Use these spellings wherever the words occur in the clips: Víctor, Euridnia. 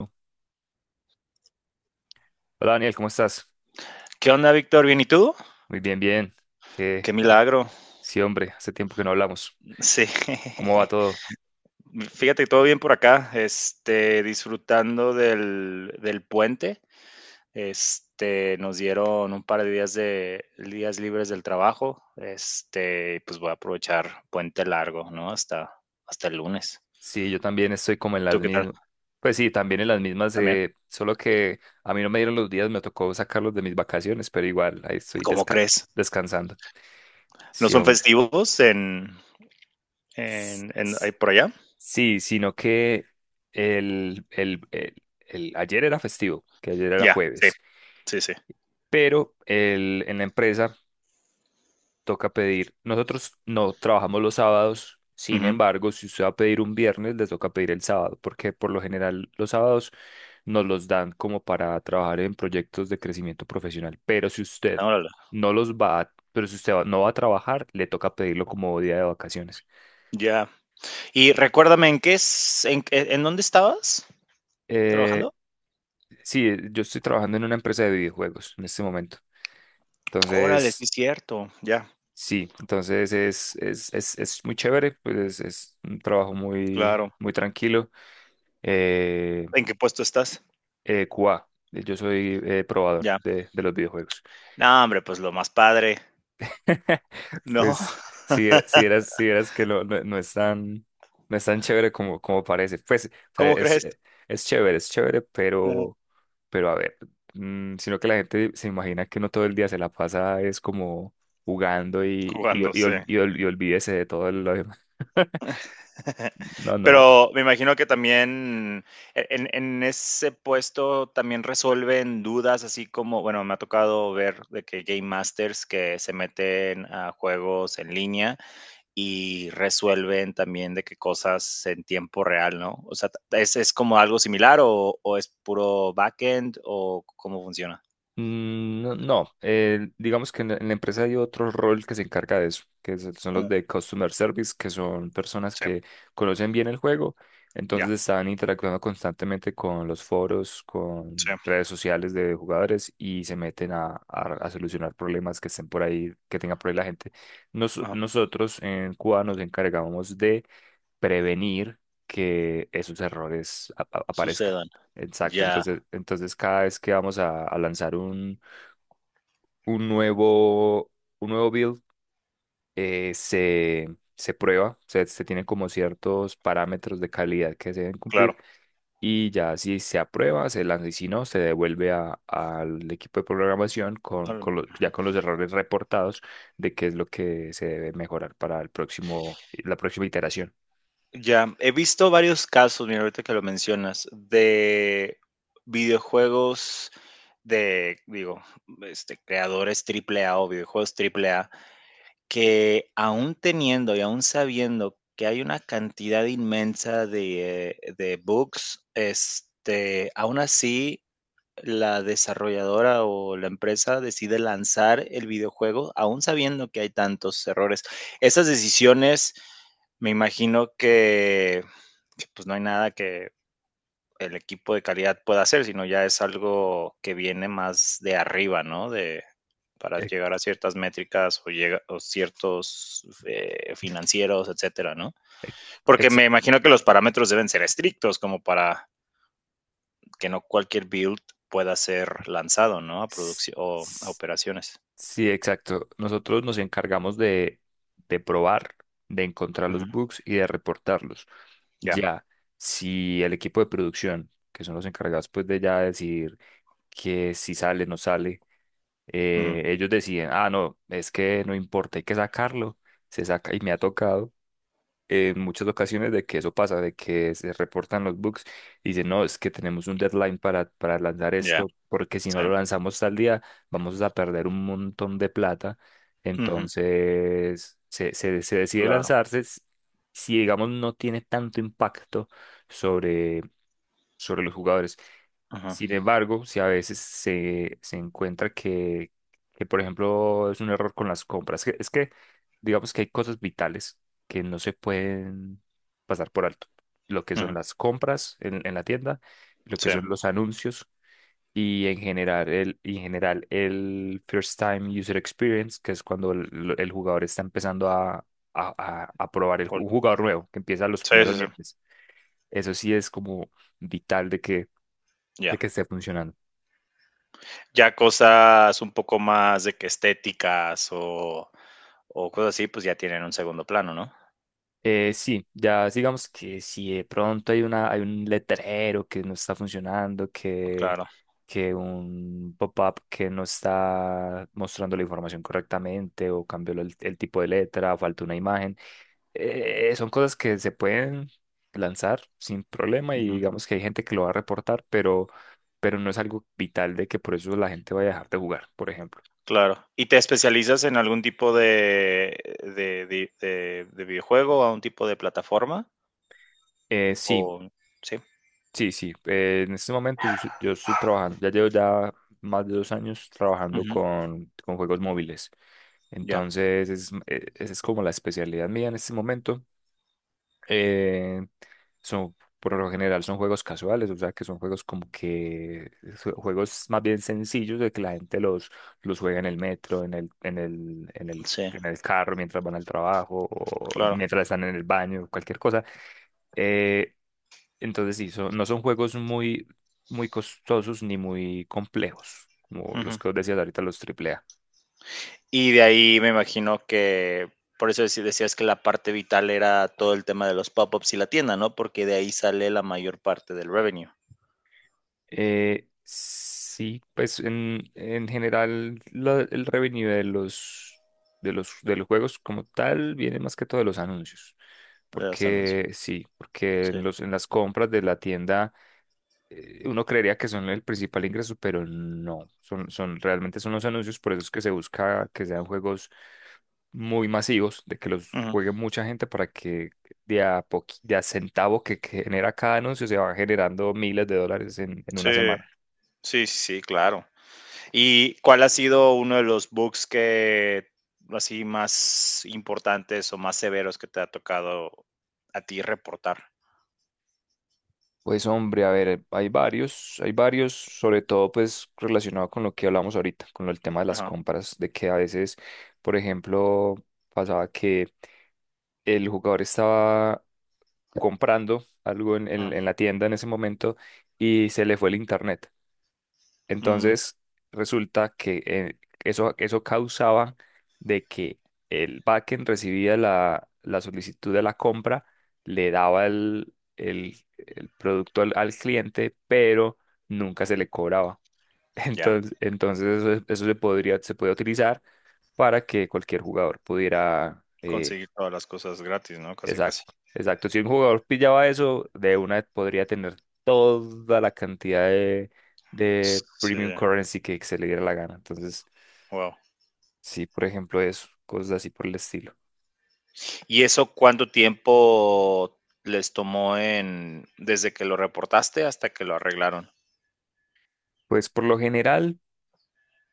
Hola Daniel, ¿cómo estás? ¿Qué onda, Víctor? ¿Bien y tú? Muy bien, bien. Que Qué milagro. Sí, hombre, hace tiempo que no hablamos. Sí. ¿Cómo va todo? Fíjate, todo bien por acá. Disfrutando del puente. Nos dieron un par de días libres del trabajo. Pues voy a aprovechar puente largo, ¿no? Hasta el lunes. Sí, yo también estoy como en las ¿Tú qué tal? mismas. Pues sí, también en las mismas, También. Solo que a mí no me dieron los días, me tocó sacarlos de mis vacaciones, pero igual, ahí estoy ¿Cómo crees? descansando. ¿No Sí, son hombre. festivos S- ahí s- por allá? Sí, sino que ayer era festivo, que ayer era Ya, sí. jueves, Sí, sí. pero en la empresa toca pedir. Nosotros no trabajamos los sábados, sin Ujú. embargo, si usted va a pedir un viernes, le toca pedir el sábado, porque por lo general los sábados nos los dan como para trabajar en proyectos de crecimiento profesional. Pero si usted Órale. no los va a- pero no va a trabajar, le toca pedirlo como día de vacaciones. Ya. Y recuérdame, ¿en qué es en dónde estabas Eh, trabajando? sí, yo estoy trabajando en una empresa de videojuegos en este momento. Órale, sí Entonces, es cierto, ya, sí, entonces es muy chévere, pues es un trabajo muy, claro. muy tranquilo. eh, ¿En qué puesto estás? QA. Yo soy probador Ya. De los videojuegos. No, hombre, pues lo más padre, ¿no? Pues si eras que no es tan, no es tan chévere como, como parece. Pues, o sea, ¿Cómo crees? Es chévere, Ujú, pero a ver, sino que la gente se imagina que no todo el día se la pasa es como jugando y, y, jugando, y, sí. Olvídese de todo lo demás. No, no. Pero me imagino que también e en ese puesto también resuelven dudas, así como, bueno, me ha tocado ver de que game masters que se meten a juegos en línea y resuelven también de qué cosas en tiempo real, ¿no? O sea, ¿es como algo similar o es puro backend o cómo funciona? No, no, digamos que en la empresa hay otro rol que se encarga de eso, son los Mm, de Customer Service, que son personas sí, que conocen bien el juego, ya, entonces están interactuando constantemente con los foros, sí, con redes sociales de jugadores y se meten a, a solucionar problemas que estén por ahí, que tenga por ahí la gente. Ajá, Nosotros en Cuba nos encargamos prevenir que esos errores aparezcan. sucedan. Exacto, Ya, entonces, entonces cada vez que vamos a lanzar un nuevo, un nuevo build, se, se prueba, se tienen como ciertos parámetros de calidad que se deben claro. cumplir y ya si se aprueba, se lanza y si no, se devuelve al equipo de programación con, Ahora, ya con los errores reportados de qué es lo que se debe mejorar para el próximo, la próxima iteración. ya, he visto varios casos, mira, ahorita que lo mencionas, de videojuegos de, digo, creadores Triple A o videojuegos Triple A. Que aún teniendo y aún sabiendo que hay una cantidad inmensa de bugs, aún así, la desarrolladora o la empresa decide lanzar el videojuego, aún sabiendo que hay tantos errores. Esas decisiones, me imagino que pues, no hay nada que el equipo de calidad pueda hacer, sino ya es algo que viene más de arriba, ¿no? De, para Ex- llegar a ciertas métricas o, llega, o ciertos financieros, etcétera, ¿no? Porque ex- me imagino que los parámetros deben ser estrictos como para que no cualquier build pueda ser lanzado, ¿no? A S- producción o a s- operaciones. Sí, exacto. Nosotros nos encargamos de probar, de encontrar Ujú, los bugs y de reportarlos. ya, Ya, si el equipo de producción, que son los encargados pues de ya decidir que si sale, no sale, ujú, ellos deciden, ah, no, es que no importa, hay que sacarlo, se saca y me ha tocado en muchas ocasiones de que eso pasa, de que se reportan los bugs y dicen, no, es que tenemos un deadline para lanzar ya, esto, porque si no sí. lo lanzamos tal día, vamos a perder un montón de plata. Ujú, Entonces, se decide claro. lanzarse. Si, digamos, no tiene tanto impacto sobre, sobre los jugadores. Ujú, Sin embargo, si a veces se, se encuentra que, por ejemplo, es un error con las compras, es que digamos que hay cosas vitales que no se pueden pasar por alto. Lo que son ujú, las compras en la tienda, lo que sí. son los anuncios y en general el First Time User Experience, que es cuando el jugador está empezando a, a probar el, Ol- un jugador nuevo, que empieza los sí, primeros sí, sí. niveles. Eso sí es como vital de Ya. que esté funcionando. Ya cosas un poco más de que estéticas o cosas así, pues ya tienen un segundo plano, ¿no? Sí, ya digamos que si de pronto hay una, hay un letrero que no está funcionando, Claro. que un pop-up que no está mostrando la información correctamente o cambió el tipo de letra, falta una imagen, son cosas que se pueden lanzar sin problema y Ujú, digamos que hay gente que lo va a reportar, pero no es algo vital de que por eso la gente vaya a dejar de jugar, por ejemplo. claro. ¿Y te especializas en algún tipo de, de videojuego, a un tipo de plataforma? Eh, sí, O sí. Sí, sí. En este momento yo estoy trabajando, ya llevo ya más de dos años trabajando Ujú, con juegos móviles. ya. Entonces, es, esa es como la especialidad mía en este momento. Eh, son, por lo general son juegos casuales, o sea que son juegos como que juegos más bien sencillos de que la gente los juega en el metro, Sí, en el carro mientras van al trabajo o claro. mientras están en el baño, cualquier cosa. Eh, entonces sí, no son juegos muy, muy costosos ni muy complejos, como los Ujú. que os decías ahorita, los AAA. Y de ahí me imagino que por eso decías que la parte vital era todo el tema de los pop-ups y la tienda, ¿no? Porque de ahí sale la mayor parte del revenue Sí, pues en general el revenue de los, de los, de los juegos como tal viene más que todo de los anuncios. de los anuncios. Porque sí, porque Sí. en los, en las compras de la tienda uno creería que son el principal ingreso, pero no, realmente son los anuncios, por eso es que se busca que sean juegos muy masivos, de que los Ujú, juegue mucha gente para que de a centavo que genera cada anuncio se va generando miles de dólares en una sí. semana. Sí, sí, sí, claro. ¿Y cuál ha sido uno de los bugs que así más importantes o más severos que te ha tocado a ti reportar? Pues hombre, a ver, hay varios, sobre todo pues relacionado con lo que hablamos ahorita, con el tema de las Ajá. compras, de que a veces, por ejemplo, pasaba que el jugador estaba comprando algo en, Ah. En la tienda en ese momento y se le fue el internet. Mm, Entonces, resulta que eso, eso causaba de que el backend recibía la, la solicitud de la compra, le daba el, el producto al, al cliente, pero nunca se le cobraba. ya, Entonces, entonces eso se podría, se puede utilizar para que cualquier jugador pudiera conseguir todas las cosas gratis, ¿no? Casi, casi. Exacto, exacto. Si un jugador pillaba eso, de una podría tener toda la cantidad de premium Sí, currency que se le diera la gana. Entonces, wow. sí, por ejemplo, eso, cosas así por el estilo. ¿Y eso cuánto tiempo les tomó en desde que lo reportaste hasta que lo arreglaron? Pues por lo general,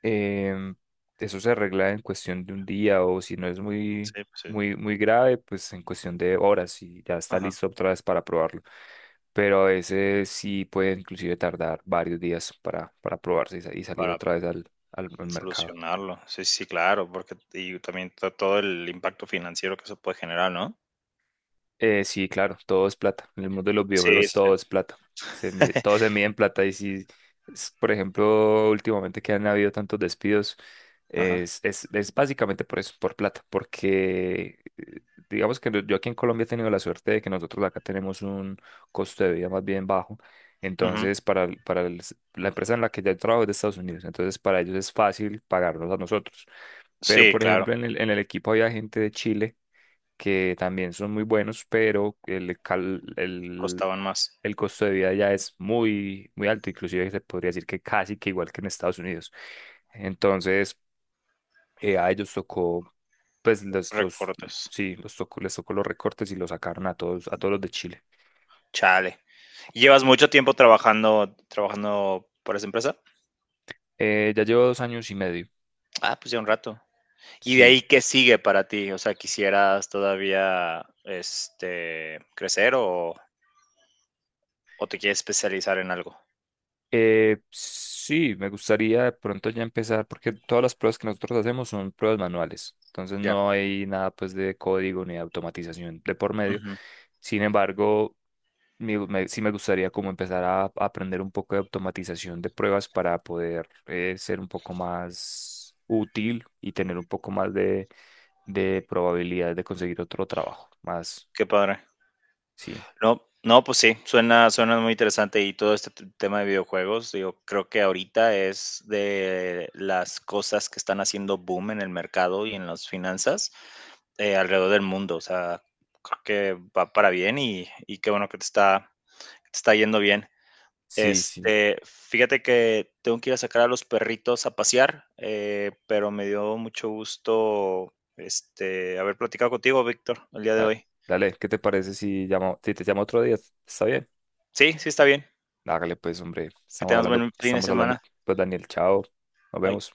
em, eso se arregla en cuestión de un día o si no es muy, Sí, pues sí. muy, muy grave, pues en cuestión de horas y ya está Ajá. listo otra vez para probarlo. Pero a veces sí puede inclusive tardar varios días para probarse y, y salir Para. otra vez al, al mercado. Solucionarlo. Sí, sí, claro, porque y también to todo el impacto financiero que eso puede generar, ¿no? Sí, claro, todo es plata. En el mundo de los Sí, videojuegos sí, todo es plata. sí. Todo se mide en plata. Y si, por ejemplo, últimamente que han habido tantos despidos, Ajá. Es básicamente por eso, por plata. Porque digamos que no, yo aquí en Colombia he tenido la suerte de que nosotros acá tenemos un costo de vida más bien bajo. Ujú. Entonces, la empresa en la que yo trabajo es de Estados Unidos. Entonces, para ellos es fácil pagarnos a nosotros. Pero, Sí, por claro, ejemplo, en el equipo había gente de Chile que también son muy buenos, pero costaban más. el costo de vida ya es muy, muy alto, inclusive se podría decir que casi que igual que en Estados Unidos. Entonces, a ellos tocó, pues Recortes. sí, les tocó los recortes y los sacaron a todos los de Chile. Chale. ¿Y llevas mucho tiempo trabajando para esa empresa? Ya llevo dos años y medio, Ah, pues ya un rato. ¿Y de sí. ahí qué sigue para ti? O sea, ¿quisieras todavía, este, crecer o te quieres especializar en algo? Sí, me gustaría de pronto ya empezar, porque todas las pruebas que nosotros hacemos son pruebas manuales, entonces Ya. no hay nada pues de código ni de automatización de por medio. Ujú. Sin embargo, sí me gustaría como empezar a aprender un poco de automatización de pruebas para poder ser un poco más útil y tener un poco más de probabilidad de conseguir otro trabajo, más, Qué padre. sí. No, no, pues sí, suena, suena muy interesante y todo este tema de videojuegos, digo, creo que ahorita es de las cosas que están haciendo boom en el mercado y en las finanzas alrededor del mundo. O sea, creo que va para bien y qué bueno que te está yendo bien. Sí, sí. Fíjate que tengo que ir a sacar a los perritos a pasear, pero me dio mucho gusto haber platicado contigo, Víctor, el día de Dale, hoy. dale, ¿qué te parece si llamo, si te llamo otro día? ¿Está bien? Sí, sí está bien. Hágale pues, hombre. Que tengas buen fin de Estamos hablando, semana. pues Daniel, chao. Nos Bye. vemos.